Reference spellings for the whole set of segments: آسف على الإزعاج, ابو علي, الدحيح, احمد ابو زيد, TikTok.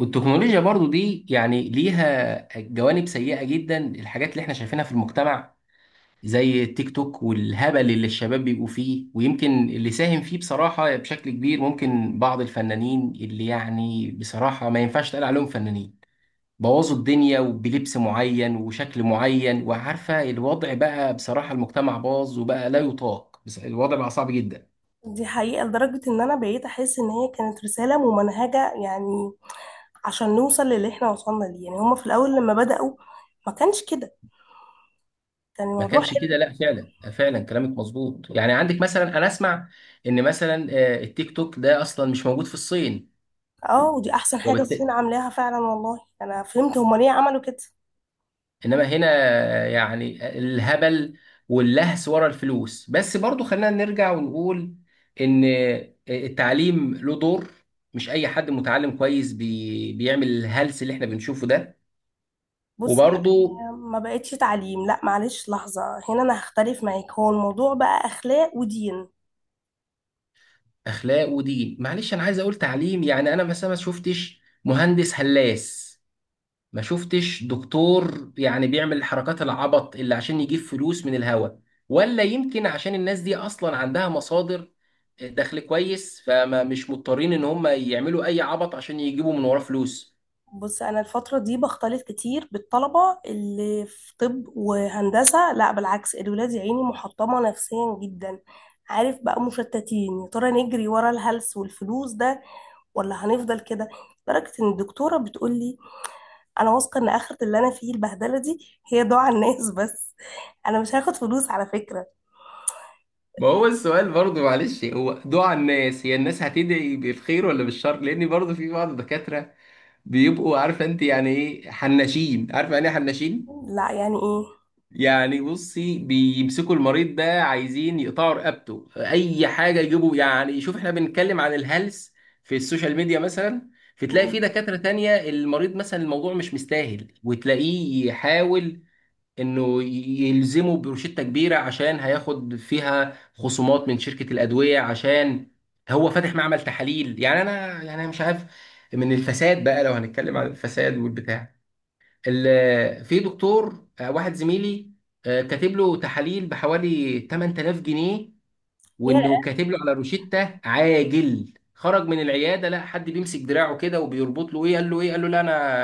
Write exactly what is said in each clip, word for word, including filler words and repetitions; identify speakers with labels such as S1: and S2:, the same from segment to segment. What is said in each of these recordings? S1: والتكنولوجيا برضو دي يعني ليها جوانب سيئة جدا، الحاجات اللي احنا شايفينها في المجتمع زي التيك توك والهبل اللي الشباب بيبقوا فيه. ويمكن اللي ساهم فيه بصراحة بشكل كبير ممكن بعض الفنانين اللي يعني بصراحة ما ينفعش تقال عليهم فنانين، بوظوا الدنيا وبلبس معين وشكل معين، وعارفة الوضع بقى. بصراحة المجتمع باظ وبقى لا يطاق، بس الوضع بقى صعب جدا.
S2: دي حقيقة لدرجة إن أنا بقيت أحس إن هي كانت رسالة ممنهجة يعني عشان نوصل للي إحنا وصلنا ليه. يعني هما في الأول لما بدأوا ما كانش كده، كان
S1: ما
S2: الموضوع
S1: كانش كده،
S2: حلو.
S1: لا فعلا فعلا كلامك مظبوط. يعني عندك مثلا انا اسمع ان مثلا آه، التيك توك ده اصلا مش موجود في الصين.
S2: اه، ودي أحسن حاجة
S1: وبالت...
S2: الصين عاملاها فعلا، والله أنا فهمت هما ليه عملوا كده.
S1: انما هنا آه، يعني الهبل واللهس ورا الفلوس. بس برضو خلينا نرجع ونقول ان آه، التعليم له دور. مش اي حد متعلم كويس بي... بيعمل الهلس اللي احنا بنشوفه ده.
S2: بص،
S1: وبرضو
S2: أنا ما بقتش تعليم، لا معلش لحظة، هنا أنا هختلف معاك، هو الموضوع بقى أخلاق ودين.
S1: اخلاق ودين، معلش انا عايز اقول تعليم. يعني انا مثلا ما شفتش مهندس هلاس، ما شفتش دكتور يعني بيعمل الحركات العبط اللي عشان يجيب فلوس من الهوا، ولا يمكن عشان الناس دي اصلا عندها مصادر، آه، دخل كويس، فما مش مضطرين ان هم يعملوا اي عبط عشان يجيبوا من وراه فلوس.
S2: بص انا الفتره دي بختلط كتير بالطلبه اللي في طب وهندسه، لا بالعكس، الولاد يا عيني محطمه نفسيا جدا. عارف بقى مشتتين، يا ترى نجري ورا الهلس والفلوس ده ولا هنفضل كده؟ لدرجه ان الدكتوره بتقول لي: انا واثقه ان اخره اللي انا فيه البهدله دي هي دعاء الناس بس، انا مش هاخد فلوس على فكره.
S1: ما هو السؤال برضه، معلش، هو دعاء الناس، هي الناس هتدعي بالخير ولا بالشر؟ لان برضه في بعض الدكاترة بيبقوا عارفه انت يعني ايه حناشين، عارفه يعني ايه حناشين.
S2: لا يعني
S1: يعني بصي بيمسكوا المريض ده عايزين يقطعوا رقبته، اي حاجه يجيبوا. يعني شوف، احنا بنتكلم عن الهلس في السوشيال ميديا مثلا، فتلاقي في دكاتره تانية المريض مثلا الموضوع مش مستاهل وتلاقيه يحاول انه يلزمه بروشته كبيره عشان هياخد فيها خصومات من شركه الادويه، عشان هو فاتح معمل تحاليل. يعني انا، يعني أنا مش عارف من الفساد بقى لو هنتكلم عن الفساد والبتاع. ال- في دكتور آه، واحد زميلي آه، كاتب له تحاليل بحوالي ثمانية آلاف جنيه،
S2: ايه؟
S1: وانه كاتب له على روشتة عاجل. خرج من العياده، لا حد بيمسك دراعه كده وبيربط له. ايه؟ قال له ايه؟ قال له لا، انا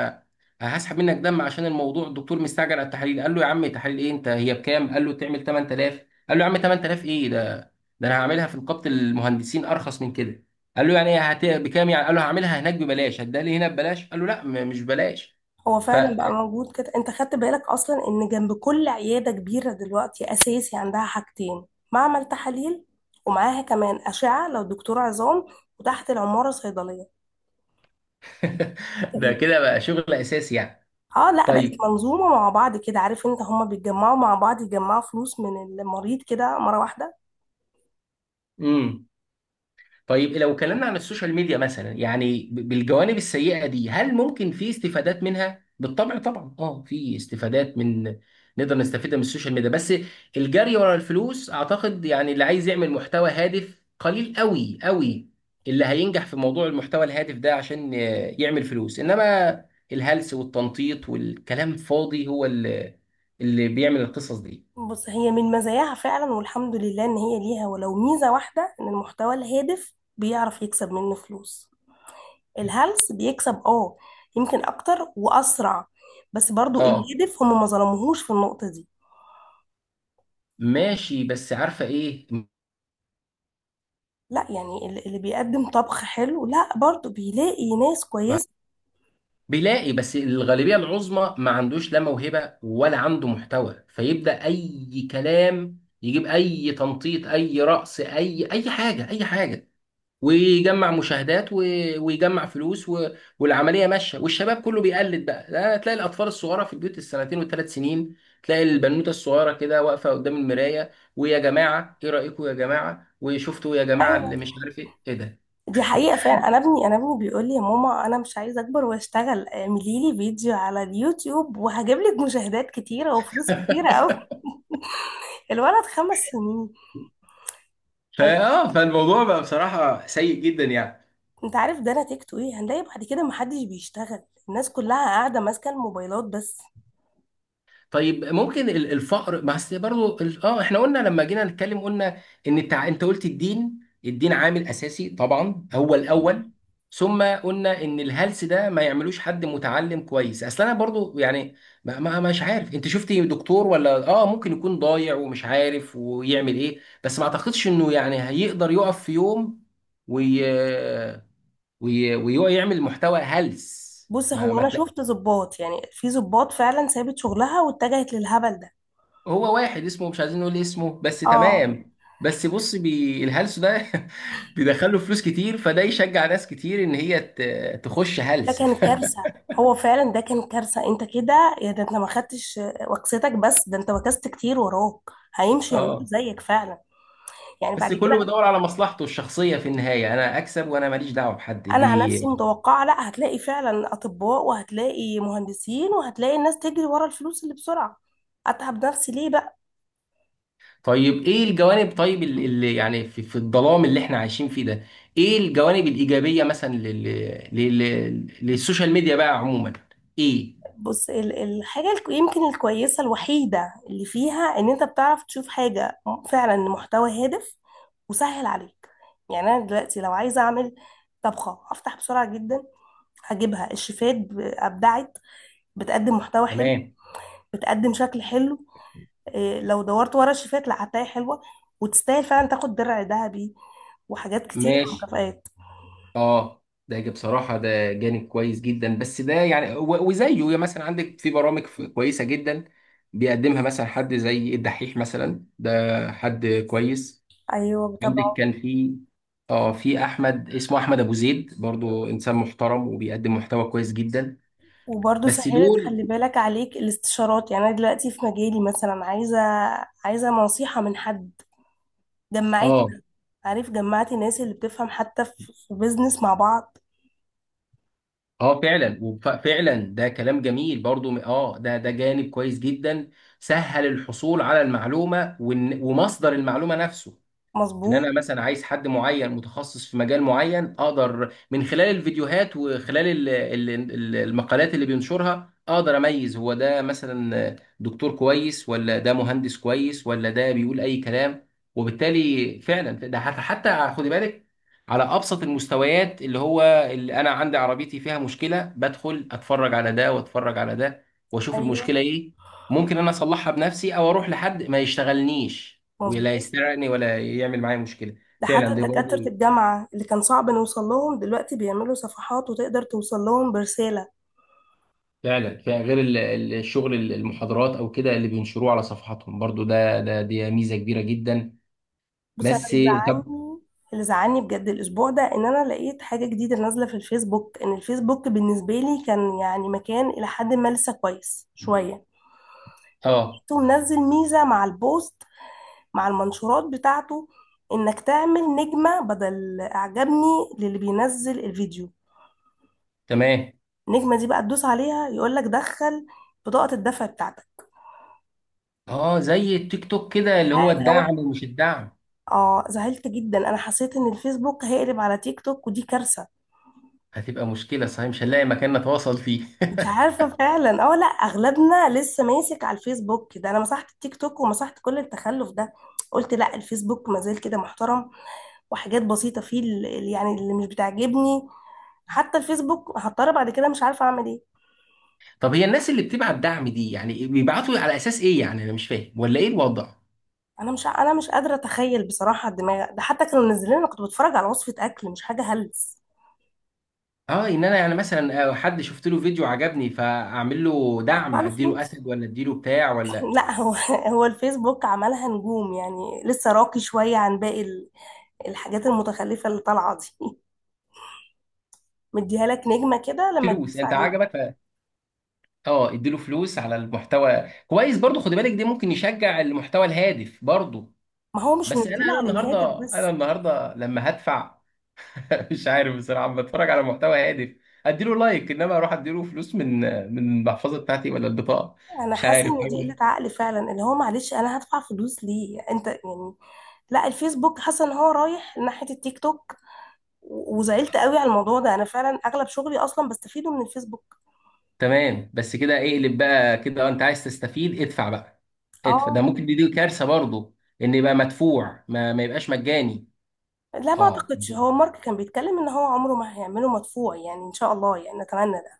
S1: هسحب منك دم عشان الموضوع الدكتور مستعجل على التحاليل. قال له يا عم، تحاليل ايه؟ انت هي بكام؟ قال له تعمل ثمانية آلاف. قال له يا عم، ثمانية آلاف ايه ده؟ ده انا هعملها في نقابه المهندسين ارخص من كده. قال له يعني إيه هت... بكام يعني؟ قال له هعملها هناك ببلاش، هتديها لي هنا ببلاش؟ قال له لا، م- مش ببلاش.
S2: هو
S1: ف
S2: فعلا بقى موجود كده، انت خدت بالك اصلا ان جنب كل عياده كبيره دلوقتي اساسي عندها حاجتين: معمل تحاليل، ومعاها كمان اشعه لو دكتور عظام، وتحت العماره صيدليه.
S1: ده كده بقى شغل اساسي يعني.
S2: اه، لا بقت
S1: طيب.
S2: منظومه مع بعض كده، عارف انت هما بيتجمعوا مع بعض يجمعوا فلوس من المريض كده مره واحده.
S1: امم طيب، لو اتكلمنا عن السوشيال ميديا مثلا، يعني ب- بالجوانب السيئه دي، هل ممكن في استفادات منها؟ بالطبع، طبعا اه في استفادات من نقدر نستفيد من السوشيال ميديا، بس الجري ورا الفلوس. اعتقد يعني اللي عايز يعمل محتوى هادف قليل قوي قوي، اللي هينجح في موضوع المحتوى الهادف ده عشان آه، يعمل فلوس، انما الهلس والتنطيط والكلام فاضي هو اللي اللي بيعمل القصص دي.
S2: بص هي من مزاياها فعلا، والحمد لله ان هي ليها ولو ميزه واحده، ان المحتوى الهادف بيعرف يكسب منه فلوس. الهلس بيكسب، اه، يمكن اكتر واسرع، بس برضو
S1: آه.
S2: الهدف هم ما ظلموهوش في النقطة دي.
S1: ماشي، بس عارفه ايه.
S2: لا يعني ال- اللي بيقدم طبخ حلو لا برضو بيلاقي ناس
S1: ما-
S2: كويسة.
S1: بيلاقي، بس الغالبيه العظمى ما عندوش لا موهبه ولا عنده محتوى، فيبدا اي كلام، يجيب اي تنطيط، اي رقص، اي اي حاجه، اي حاجه. ويجمع مشاهدات و... ويجمع فلوس و... والعمليه ماشيه والشباب كله بيقلد بقى. لا تلاقي الاطفال الصغيره في البيوت، السنتين والثلاث سنين، تلاقي البنوته الصغيره كده واقفه قدام المرايه: ويا جماعه ايه رايكم، يا جماعه وشفتوا، يا جماعه اللي
S2: ايوه،
S1: مش عارف ايه ايه.
S2: دي حقيقة فعلا، انا ابني انا ابني بيقول لي: يا ماما انا مش عايز اكبر واشتغل، اعملي لي فيديو على اليوتيوب وهجيب لك مشاهدات كتيرة وفلوس كتيرة قوي.
S1: ده
S2: الولد خمس سنين. يعني
S1: فاه فالموضوع بقى بصراحه سيء جدا يعني.
S2: انت عارف ده نتيجته ايه؟ هنلاقي بعد كده محدش بيشتغل، الناس كلها قاعدة ماسكة الموبايلات بس.
S1: طيب، ممكن ال- الفقر. بس برضه ال- اه احنا قلنا لما جينا نتكلم، قلنا ان التع... انت قلت الدين. الدين عامل اساسي طبعا، هو الاول، ثم قلنا ان الهلس ده ما يعملوش حد متعلم كويس. اصل انا برضه يعني ما ما مش عارف، انت شفتي دكتور؟ ولا اه ممكن يكون ضايع ومش عارف ويعمل ايه، بس ما اعتقدش انه يعني هيقدر يقف في يوم وي... وي... ويعمل محتوى هلس.
S2: بص
S1: ما
S2: هو
S1: ما
S2: انا شفت ضباط، يعني في ضباط فعلا سابت شغلها واتجهت للهبل ده.
S1: هو واحد اسمه مش عايزين نقول اسمه، بس
S2: اه،
S1: تمام. بس بص بي الهلس ده بيدخله فلوس كتير، فده يشجع ناس كتير ان هي ت- تخش
S2: ده
S1: هلس
S2: كان كارثه، هو فعلا ده كان كارثه، انت كده يا ده انت ما خدتش وكستك، بس ده انت وكست كتير وراك هيمشي يعملوا
S1: اه،
S2: زيك فعلا يعني بعد
S1: بس كله
S2: كده.
S1: بيدور على مصلحته الشخصية في النهاية، انا اكسب وانا ماليش دعوة بحد
S2: انا عن نفسي
S1: ليه.
S2: متوقعه، لا هتلاقي فعلا اطباء وهتلاقي مهندسين وهتلاقي الناس تجري ورا الفلوس اللي بسرعه، اتعب نفسي ليه بقى؟
S1: طيب ايه الجوانب؟ طيب اللي اللي يعني في, في الظلام اللي احنا عايشين فيه ده، ايه الجوانب الإيجابية مثلا لل... لل... للسوشيال ميديا بقى عموما، ايه؟
S2: بص ال- الحاجة الك- يمكن الكويسة الوحيدة اللي فيها ان انت بتعرف تشوف حاجة فعلا محتوى هادف وسهل عليك. يعني انا دلوقتي لو عايزة اعمل طبخة، هفتح بسرعة جدا، هجيبها الشيفات ب- ابدعت، بتقدم محتوى حلو،
S1: تمام.
S2: بتقدم شكل حلو. إيه، لو دورت ورا الشيفات لا هتلاقي حلوة وتستاهل فعلا تاخد درع ذهبي وحاجات كتير
S1: ماشي.
S2: مكافآت.
S1: اه ده جا- بصراحة ده جانب كويس جدا. بس ده يعني و- وزيه، يعني مثلا عندك في برامج ف- كويسة جدا بيقدمها مثلا حد زي الدحيح مثلا، ده حد كويس.
S2: ايوه
S1: عندك
S2: طبعا.
S1: كان في اه في احمد، اسمه احمد ابو زيد، برضو انسان محترم وبيقدم محتوى كويس جدا،
S2: وبرضه
S1: بس
S2: سهلت،
S1: دول.
S2: خلي بالك عليك الاستشارات، يعني انا دلوقتي في مجالي مثلا عايزه عايزه نصيحه من حد،
S1: اه.
S2: جمعتنا، عارف جمعت الناس اللي بتفهم حتى في في بيزنس مع بعض.
S1: اه فعلا وف- فعلا ده كلام جميل برضو، م- اه ده ده جانب كويس جدا، سهل الحصول على المعلومة وإن- ومصدر المعلومة نفسه. ان انا
S2: مظبوط.
S1: مثلا عايز حد معين متخصص في مجال معين، اقدر من خلال الفيديوهات وخلال ال- ال- ال- المقالات اللي بينشرها، اقدر اميز هو ده مثلا دكتور كويس ولا ده مهندس كويس ولا ده بيقول اي كلام. وبالتالي فعلا ده، حتى حتى خدي بالك، على ابسط المستويات، اللي هو اللي انا عندي عربيتي فيها مشكله، بدخل اتفرج على ده واتفرج على ده واشوف
S2: ايوه،
S1: المشكله ايه. ممكن انا اصلحها بنفسي او اروح لحد ما يشتغلنيش ولا
S2: مظبوط.
S1: يسرقني ولا يعمل معايا مشكله.
S2: ده حتى
S1: فعلا دي
S2: دكاتره
S1: برضو.
S2: الجامعه اللي كان صعب نوصل لهم دلوقتي بيعملوا صفحات وتقدر توصل لهم برساله.
S1: فعلا فعلا غير ال- ال- الشغل ال- المحاضرات او كده اللي بينشروه على صفحاتهم برضو، ده ده دي ميزه كبيره جدا.
S2: بص انا
S1: بس
S2: اللي
S1: طب
S2: زعلني، اللي زعلني بجد الاسبوع ده ان انا لقيت حاجه جديده نازله في الفيسبوك، ان الفيسبوك بالنسبه لي كان يعني مكان الى حد ما لسه كويس شويه،
S1: اه.
S2: ومنزل ميزة مع البوست، مع المنشورات بتاعته، انك تعمل نجمة بدل اعجبني للي بينزل الفيديو.
S1: تمام.
S2: النجمة دي بقى تدوس عليها يقولك دخل بطاقة الدفع بتاعتك،
S1: اه زي التيك توك كده، اللي هو
S2: حاجة وحشة.
S1: الدعم ومش الدعم.
S2: اه، زعلت جدا، انا حسيت ان الفيسبوك هيقلب على تيك توك ودي كارثة.
S1: هتبقى مشكله صحيح، مش هنلاقي مكان نتواصل فيه
S2: مش عارفة فعلا، اه، لا اغلبنا لسه ماسك على الفيسبوك ده، انا مسحت التيك توك ومسحت كل التخلف ده، قلت لا الفيسبوك مازال كده محترم، وحاجات بسيطة فيه اللي يعني اللي مش بتعجبني، حتى الفيسبوك هضطر بعد كده مش عارفه اعمل ايه.
S1: طب هي الناس اللي بتبعت دعم دي، يعني بيبعتوا على اساس ايه؟ يعني انا مش فاهم، ولا ايه الوضع؟
S2: انا مش انا مش قادره اتخيل بصراحه، الدماغ ده حتى كانوا منزلين انا كنت بتفرج على وصفه اكل مش حاجه هلس.
S1: اه، ان انا يعني مثلا آه، حد شفت له فيديو عجبني فاعمل له
S2: بدفع
S1: دعم،
S2: له
S1: اديله
S2: فلوس؟
S1: اسد ولا اديله بتاع ولا
S2: لا، هو هو الفيسبوك عملها نجوم يعني لسه راقي شويه عن باقي ال- الحاجات المتخلفه اللي طالعه دي. مديها لك نجمه كده لما
S1: فلوس
S2: تدوس
S1: انت
S2: عليه،
S1: عجبك ف... اه اديله فلوس على المحتوى كويس، برضو خد بالك ده ممكن يشجع المحتوى الهادف برضو.
S2: ما هو مش
S1: بس انا انا
S2: منزلها للهادف
S1: النهارده انا
S2: بس.
S1: النهارده لما هدفع مش عارف بصراحه. لما اتفرج على محتوى هادف اديله لايك، انما اروح اديله فلوس من من المحفظه بتاعتي ولا البطاقه؟
S2: انا
S1: مش
S2: حاسه
S1: عارف
S2: ان دي قله
S1: حاجه.
S2: عقل فعلا، اللي هو معلش انا هدفع فلوس ليه انت يعني؟ لا الفيسبوك حاسه ان هو رايح ناحيه التيك توك، وزعلت قوي على الموضوع ده، انا فعلا اغلب شغلي اصلا بستفيده من الفيسبوك.
S1: تمام، بس كده اقلب بقى كده، انت عايز تستفيد ادفع بقى. ادفع ده
S2: اه،
S1: ممكن، دي, دي كارثه برضو، ان يبقى مدفوع، ما, ما يبقاش مجاني.
S2: لا ما
S1: اه
S2: اعتقدش، هو مارك كان بيتكلم ان هو عمره ما هيعمله مدفوع، يعني ان شاء الله يعني نتمنى ده.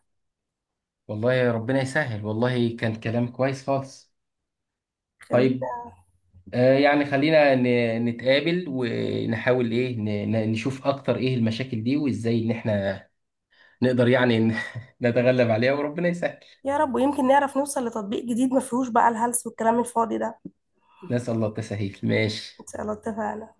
S1: والله يا ربنا يسهل. والله كان كلام كويس خالص.
S2: خليك.
S1: طيب، آه يعني خلينا ن- نتقابل ونحاول ايه، ن- ن- نشوف اكتر ايه المشاكل دي، وازاي ان احنا نقدر يعني ن- نتغلب عليها وربنا يسهل.
S2: يا رب، ويمكن نعرف نوصل لتطبيق جديد ما فيهوش بقى الهلس والكلام الفاضي ده.
S1: نسأل الله التسهيل،
S2: ان
S1: ماشي.
S2: شاء الله، اتفقنا.